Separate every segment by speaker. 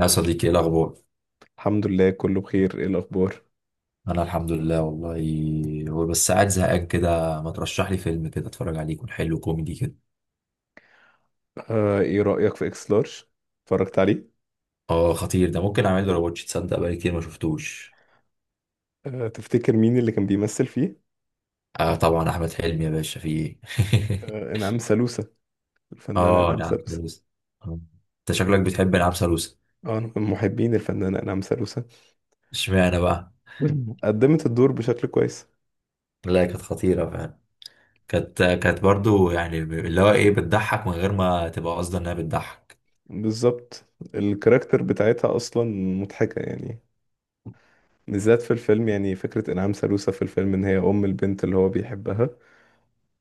Speaker 1: يا صديقي، ايه الاخبار؟
Speaker 2: الحمد لله، كله بخير. ايه الاخبار؟
Speaker 1: انا الحمد لله والله. هو بس قاعد زهقان كده. ما ترشح لي فيلم كده اتفرج عليه، يكون حلو كوميدي كده؟
Speaker 2: ايه رأيك في اكس لارج؟ اتفرجت عليه؟
Speaker 1: اه، خطير ده. ممكن اعمل له رواتش. تصدق بقالي كتير ما شفتوش.
Speaker 2: تفتكر مين اللي كان بيمثل فيه؟
Speaker 1: اه طبعا، احمد حلمي يا باشا. في ايه؟
Speaker 2: آه، انعام سالوسة. الفنانة
Speaker 1: اه،
Speaker 2: انعام
Speaker 1: نعم
Speaker 2: سالوسة.
Speaker 1: سلوسة. آه. انت شكلك بتحب نعم سلوسة؟
Speaker 2: اه، انا من محبين الفنانة انعام سالوسة.
Speaker 1: اشمعنى بقى؟
Speaker 2: قدمت الدور بشكل كويس.
Speaker 1: لا، كانت خطيرة فعلا. كانت برضو، يعني اللي هو ايه، بتضحك من غير ما تبقى قصدها انها بتضحك.
Speaker 2: بالظبط. الكاركتر بتاعتها اصلا مضحكة يعني. بالذات في الفيلم، يعني فكرة انعام سالوسة في الفيلم ان هي ام البنت اللي هو بيحبها.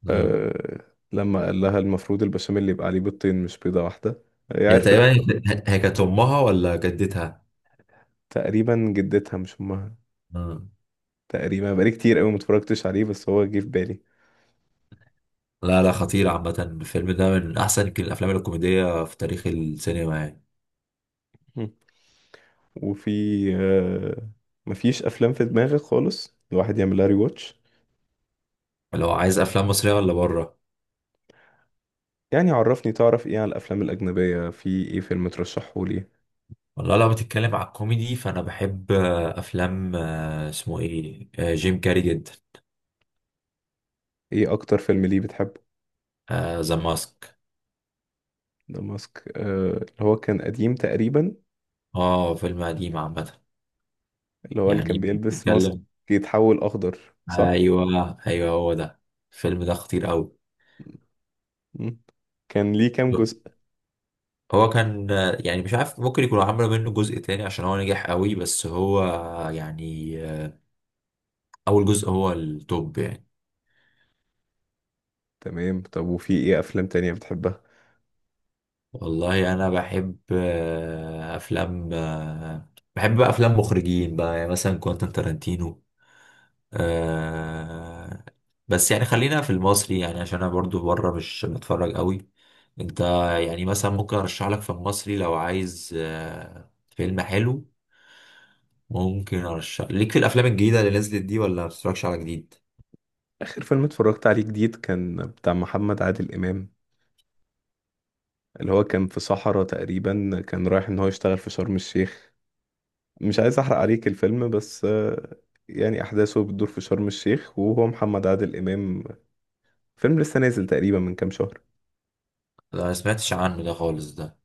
Speaker 1: مم.
Speaker 2: آه. لما قال لها المفروض البشاميل اللي يبقى عليه بيضتين مش بيضة واحدة، هي
Speaker 1: هي
Speaker 2: عرفت.
Speaker 1: تقريبا. هي كانت امها ولا جدتها؟
Speaker 2: تقريبا جدتها مش امها.
Speaker 1: مم.
Speaker 2: تقريبا بقالي كتير قوي متفرجتش عليه بس هو جه في بالي.
Speaker 1: لا لا، خطير عامة. الفيلم ده من أحسن يمكن الأفلام الكوميدية في تاريخ السينما يعني.
Speaker 2: م. وفي آه، مفيش افلام في دماغك خالص الواحد يعملها ري واتش؟
Speaker 1: لو عايز أفلام مصرية ولا بره؟
Speaker 2: يعني عرفني، تعرف ايه عن الافلام الاجنبيه؟ في ايه فيلم ترشحه لي؟
Speaker 1: والله لو بتتكلم على الكوميدي، فأنا بحب أفلام اسمه إيه جيم كاري جدا.
Speaker 2: ايه اكتر فيلم ليه بتحبه؟
Speaker 1: ذا ماسك.
Speaker 2: ده ماسك، اللي هو كان قديم تقريبا.
Speaker 1: فيلم قديم عامة.
Speaker 2: اللي هو اللي كان
Speaker 1: يعني
Speaker 2: بيلبس ماسك،
Speaker 1: بتتكلم...
Speaker 2: يتحول اخضر. صح.
Speaker 1: أيوه أيوه، هو ده. الفيلم ده خطير أوي.
Speaker 2: م. كان ليه كام جزء؟
Speaker 1: هو كان يعني مش عارف، ممكن يكونوا عملوا منه جزء تاني عشان هو نجح قوي، بس هو يعني أول جزء هو التوب يعني.
Speaker 2: تمام. طب وفي ايه افلام تانية بتحبها؟
Speaker 1: والله انا بحب افلام بحب بقى افلام مخرجين بقى، يعني مثلا كوانتين تارانتينو. آه، بس يعني خلينا في المصري يعني، عشان انا برضو بره مش بتفرج قوي. انت... يعني مثلا ممكن ارشح لك في المصري لو عايز فيلم حلو. ممكن ارشح ليك في الافلام الجديده اللي نزلت دي؟ ولا ما بتتفرجش على جديد؟
Speaker 2: اخر فيلم اتفرجت عليه جديد كان بتاع محمد عادل امام. اللي هو كان في صحراء تقريبا، كان رايح ان هو يشتغل في شرم الشيخ. مش عايز احرق عليك الفيلم بس يعني احداثه بتدور في شرم الشيخ وهو محمد عادل امام. فيلم لسه نازل تقريبا من كام شهر.
Speaker 1: لا ما سمعتش عنه ده خالص ده.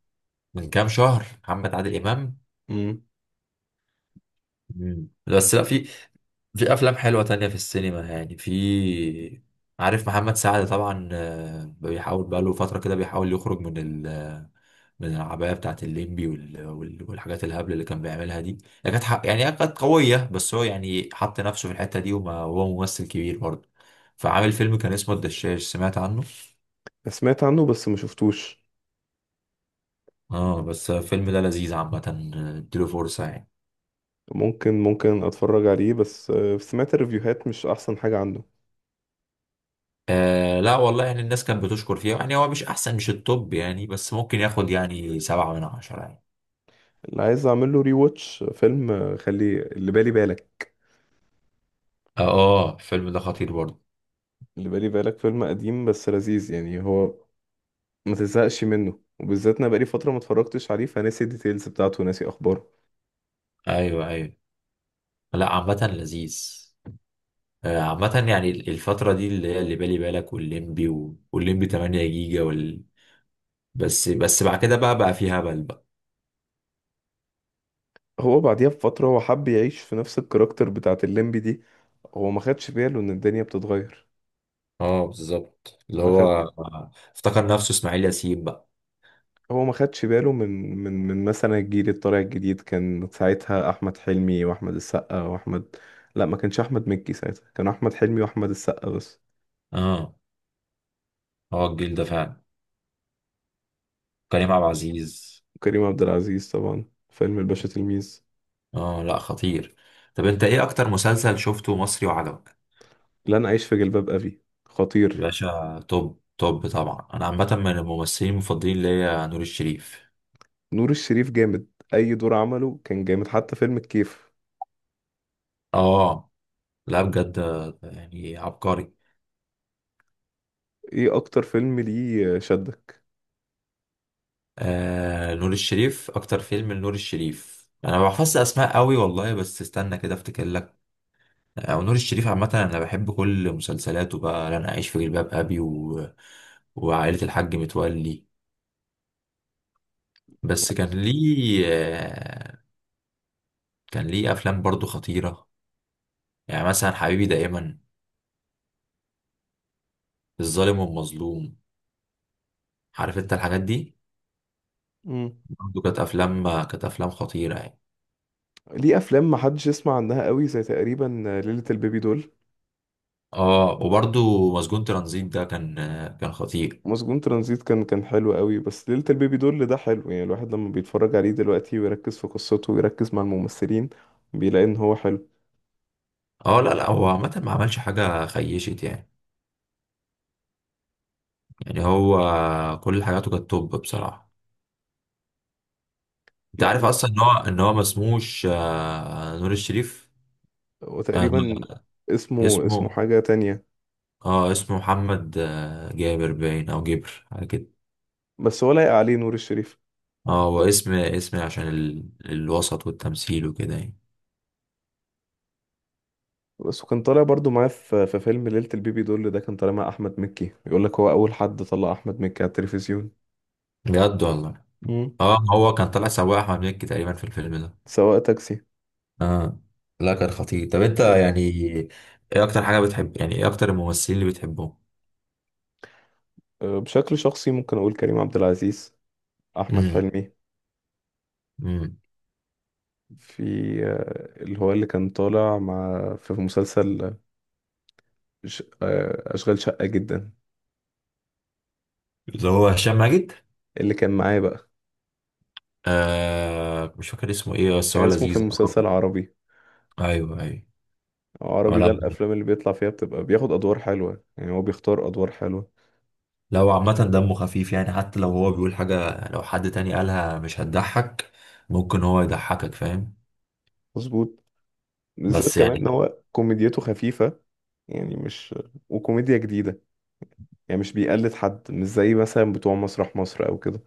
Speaker 1: من كام شهر محمد عادل امام؟
Speaker 2: امم.
Speaker 1: مم. بس لا، في... في افلام حلوه تانية في السينما يعني. في... عارف محمد سعد طبعا، بيحاول بقاله فتره كده، بيحاول يخرج من ال... من العبايه بتاعت الليمبي والحاجات الهبل اللي كان بيعملها دي. هي كانت يعني هي كانت قويه، بس هو يعني حط نفسه في الحته دي، وما هو ممثل كبير برضه. فعامل فيلم كان اسمه الدشاش، سمعت عنه؟
Speaker 2: سمعت عنه بس ما شفتوش.
Speaker 1: اه، بس الفيلم ده لذيذ عامه. اديله فرصه يعني.
Speaker 2: ممكن اتفرج عليه، بس سمعت الريفيوهات مش احسن حاجة عنه.
Speaker 1: لا والله، يعني الناس كانت بتشكر فيه يعني. هو مش احسن، مش التوب يعني، بس ممكن ياخد يعني سبعة من عشرة يعني.
Speaker 2: اللي عايز اعمل له ري واتش فيلم، خلي اللي بالي بالك.
Speaker 1: اه، الفيلم ده خطير برضه.
Speaker 2: اللي بالي بالك فيلم قديم بس لذيذ، يعني هو ما تزهقش منه. وبالذات انا بقالي فتره ما اتفرجتش عليه فناسي الديتيلز بتاعته وناسي اخباره.
Speaker 1: ايوه ايوه. لا، عامة لذيذ. عامة يعني الفترة دي اللي هي اللي بالي بالك والليمبي والليمبي 8 جيجا وال... بس بعد كده بقى في هبل بقى.
Speaker 2: هو بعديها بفتره هو حب يعيش في نفس الكاركتر بتاعت الليمبي دي. هو ما خدش باله ان الدنيا بتتغير.
Speaker 1: اه بالظبط، اللي
Speaker 2: ما
Speaker 1: هو
Speaker 2: خد
Speaker 1: افتكر نفسه اسماعيل ياسين بقى.
Speaker 2: هو ما خدش باله من مثلا الجيل الطالع الجديد. كان ساعتها احمد حلمي واحمد السقا واحمد. لا، ما كانش احمد مكي ساعتها، كان احمد حلمي واحمد السقا بس.
Speaker 1: اه، هو الجيل ده فعلا. كريم عبد العزيز.
Speaker 2: وكريم عبد العزيز طبعا. فيلم الباشا تلميذ.
Speaker 1: اه، لا خطير. طب انت ايه اكتر مسلسل شفته مصري وعجبك؟
Speaker 2: لن اعيش في جلباب ابي
Speaker 1: يا
Speaker 2: خطير.
Speaker 1: باشا، توب توب طبعا. انا عامة من الممثلين المفضلين ليا نور الشريف.
Speaker 2: نور الشريف جامد. اي دور عمله كان جامد، حتى فيلم الكيف.
Speaker 1: اه لا، بجد يعني عبقري.
Speaker 2: ايه اكتر فيلم ليه شدك؟
Speaker 1: نور الشريف، اكتر فيلم لنور الشريف، انا ما بحفظش اسماء قوي والله، بس استنى كده افتكر لك. او نور الشريف عامه، انا بحب كل مسلسلاته بقى، لن اعيش في جلباب ابي و... وعائله الحاج متولي. بس كان ليه كان ليه افلام برضو خطيره. يعني مثلا حبيبي دائما، الظالم والمظلوم، عارف انت الحاجات دي.
Speaker 2: مم.
Speaker 1: برضو كانت افلام خطيره يعني.
Speaker 2: ليه افلام ما حدش يسمع عنها قوي زي تقريبا ليلة البيبي دول.
Speaker 1: اه، وبرضو مسجون ترانزيت ده كان كان خطير.
Speaker 2: مسجون ترانزيت كان حلو قوي، بس ليلة البيبي دول ده حلو يعني. الواحد لما بيتفرج عليه دلوقتي ويركز في قصته ويركز مع الممثلين بيلاقي ان هو حلو.
Speaker 1: اه لا لا، هو عامة ما عملش حاجة خيشت يعني. يعني هو... كل حاجاته كانت توب بصراحة. انت
Speaker 2: لا
Speaker 1: عارف اصلا ان هو ما اسموش نور الشريف. آه،
Speaker 2: وتقريبا
Speaker 1: نور-
Speaker 2: اسمه
Speaker 1: اسمه...
Speaker 2: اسمه حاجة تانية.
Speaker 1: اه اسمه محمد جابر باين او جبر حاجة كده.
Speaker 2: بس هو لايق عليه نور الشريف.
Speaker 1: اه، هو اسم عشان ال... الوسط والتمثيل وكده يعني.
Speaker 2: بس وكان طالع برضو معاه في فيلم ليلة البيبي دول، ده كان طالع مع أحمد مكي. يقول لك هو أول حد طلع أحمد مكي على التلفزيون.
Speaker 1: بجد والله.
Speaker 2: مم.
Speaker 1: اه، هو كان طالع سواق احمد مكي تقريبا في الفيلم ده.
Speaker 2: سواء تاكسي.
Speaker 1: اه لا، كان خطير. طب انت يعني ايه... اكتر حاجة بتحب؟ يعني ايه اكتر الممثلين اللي بتحبهم؟
Speaker 2: بشكل شخصي ممكن أقول كريم عبد العزيز، أحمد حلمي.
Speaker 1: امم.
Speaker 2: في اللي هو اللي كان طالع مع في مسلسل، ش- أه، أشغال شقة جدا.
Speaker 1: اللي هو هشام ماجد.
Speaker 2: اللي كان معاه بقى.
Speaker 1: مش فاكر اسمه ايه، بس
Speaker 2: كان
Speaker 1: هو
Speaker 2: اسمه في
Speaker 1: لذيذ.
Speaker 2: المسلسل عربي.
Speaker 1: ايوه ايوه. هو
Speaker 2: عربي
Speaker 1: لو...
Speaker 2: ده الأفلام اللي بيطلع فيها بتبقى بياخد أدوار حلوة، يعني هو بيختار أدوار حلوة.
Speaker 1: لو عامة دمه خفيف يعني. حتى لو هو بيقول حاجة، لو حد تاني قالها مش هتضحك، ممكن هو يضحكك، فاهم؟
Speaker 2: مظبوط.
Speaker 1: بس
Speaker 2: بالذات كمان
Speaker 1: يعني...
Speaker 2: إن هو كوميديته خفيفة. يعني مش وكوميديا جديدة. يعني مش بيقلد حد، مش زي مثلا بتوع مسرح مصر أو كده.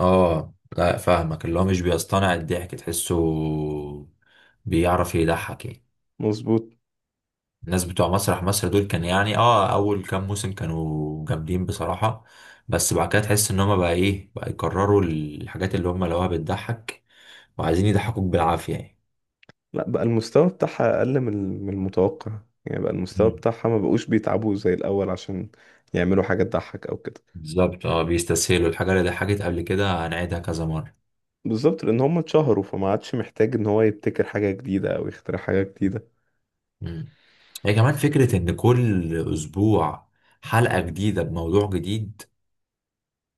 Speaker 1: اه لا، فاهمك. اللي هو مش بيصطنع الضحك، تحسه بيعرف يضحك يعني.
Speaker 2: مظبوط.
Speaker 1: الناس بتوع مسرح مصر دول كان يعني، اول كام موسم كانوا جامدين بصراحة. بس بعد كده تحس ان هما بقى ايه بقى يكرروا الحاجات اللي هما لقوها بتضحك، وعايزين يضحكوك بالعافية يعني.
Speaker 2: لا بقى المستوى بتاعها أقل من المتوقع. يعني بقى المستوى
Speaker 1: مم.
Speaker 2: بتاعها ما بقوش بيتعبوا زي الأول عشان يعملوا حاجة تضحك أو كده.
Speaker 1: بالظبط، اه، بيستسهلوا الحاجة اللي ضحكت قبل كده، هنعيدها كذا مرة.
Speaker 2: بالظبط، لأن هم اتشهروا فما عادش محتاج إن هو يبتكر حاجة جديدة أو يخترع حاجة جديدة.
Speaker 1: مم. هي كمان فكرة إن كل أسبوع حلقة جديدة بموضوع جديد،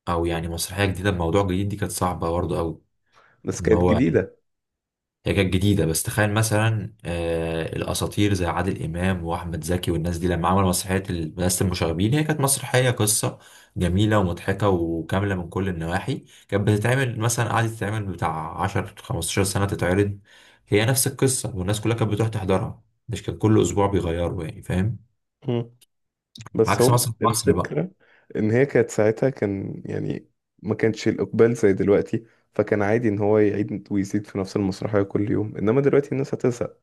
Speaker 1: أو يعني مسرحية جديدة بموضوع جديد، دي كانت صعبة برضه أوي.
Speaker 2: بس
Speaker 1: إن
Speaker 2: كانت
Speaker 1: هو...
Speaker 2: جديدة.
Speaker 1: هي كانت جديدة، بس تخيل مثلا الأساطير زي عادل إمام وأحمد زكي والناس دي لما عملوا مسرحية مدرسة المشاغبين، هي كانت مسرحية قصة جميلة ومضحكة وكاملة من كل النواحي. كانت بتتعمل مثلا، قعدت تتعمل بتاع 10 15 سنة تتعرض، هي نفس القصة، والناس كلها كانت بتروح تحضرها. مش كان كل أسبوع بيغيروا يعني، فاهم؟
Speaker 2: بس
Speaker 1: عكس
Speaker 2: هو
Speaker 1: مثلا في مصر بقى.
Speaker 2: الفكرة إن هي كانت ساعتها، كان يعني ما كانش الإقبال زي دلوقتي. فكان عادي إن هو يعيد ويزيد في نفس المسرحية كل يوم، إنما دلوقتي الناس هتزهق.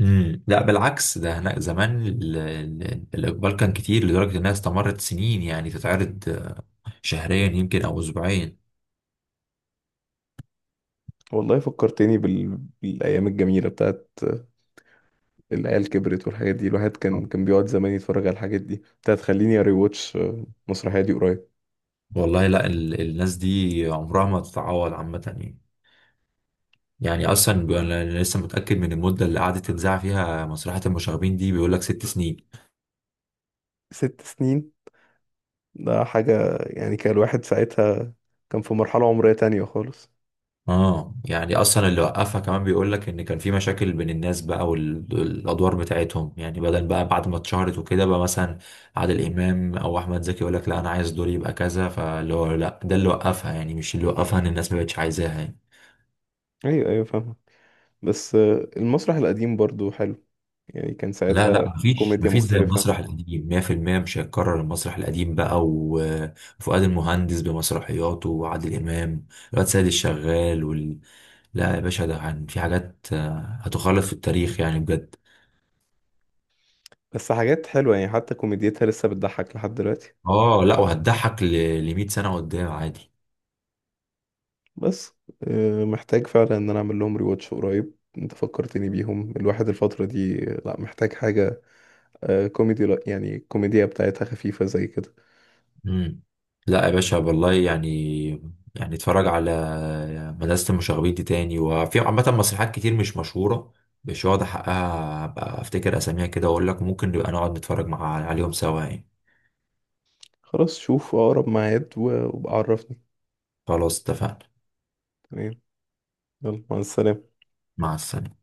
Speaker 1: امم. لا بالعكس، ده هناك زمان الإقبال كان كتير لدرجة إنها استمرت سنين، يعني تتعرض شهريا يمكن أو أسبوعيا.
Speaker 2: والله فكرتني بالأيام الجميلة بتاعت العيال كبرت والحاجات دي. الواحد كان بيقعد زمان يتفرج على الحاجات دي، بتاعت خليني أري واتش المسرحية دي قريب.
Speaker 1: والله لا، الناس دي عمرها ما تتعوض عامة يعني. يعني أصلا أنا لسه متأكد من المدة اللي قعدت تنزع فيها مسرحية المشاغبين دي، بيقول لك ست سنين.
Speaker 2: 6 سنين. ده حاجة، يعني كان الواحد ساعتها كان في مرحلة عمرية تانية خالص.
Speaker 1: اه، يعني أصلا اللي وقفها كمان بيقول لك إن كان في مشاكل بين الناس بقى والأدوار بتاعتهم يعني، بدل بقى بعد ما اتشهرت وكده بقى، مثلا عادل إمام أو أحمد زكي يقول لك لا أنا عايز دوري يبقى كذا، فاللي هو لا، ده اللي وقفها يعني، مش اللي وقفها إن الناس ما بقتش عايزاها يعني.
Speaker 2: أيوة أيوة، فاهمة. بس المسرح القديم برضو حلو. يعني كان
Speaker 1: لا
Speaker 2: ساعتها
Speaker 1: لا، مفيش
Speaker 2: كوميديا
Speaker 1: مفيش زي
Speaker 2: مختلفة.
Speaker 1: المسرح القديم 100%. مش هيتكرر المسرح القديم بقى، وفؤاد المهندس بمسرحياته وعادل إمام، الواد سيد الشغال وال... لا يا باشا، ده في حاجات هتخلد في التاريخ يعني بجد.
Speaker 2: بس حاجات حلوة يعني، حتى كوميديتها لسه بتضحك لحد دلوقتي.
Speaker 1: اه لا، وهتضحك ل 100 سنة قدام عادي.
Speaker 2: بس محتاج فعلا ان انا اعمل لهم ريواتش قريب. انت فكرتني بيهم الواحد الفترة دي. لا، محتاج حاجة كوميدي. لا يعني الكوميديا بتاعتها خفيفة زي كده.
Speaker 1: مم. لا يا باشا والله يعني. يعني اتفرج على مدرسة المشاغبين دي تاني. وفي عامة مسرحيات كتير مش مشهورة، مش واخد حقها، أبقى أفتكر أساميها كده وأقول لك، ممكن نبقى نقعد نتفرج مع عليهم سوا يعني.
Speaker 2: خلاص، شوف اقرب ميعاد وابقى عرفني.
Speaker 1: خلاص اتفقنا.
Speaker 2: تمام. يلا، مع السلامة.
Speaker 1: مع السلامة.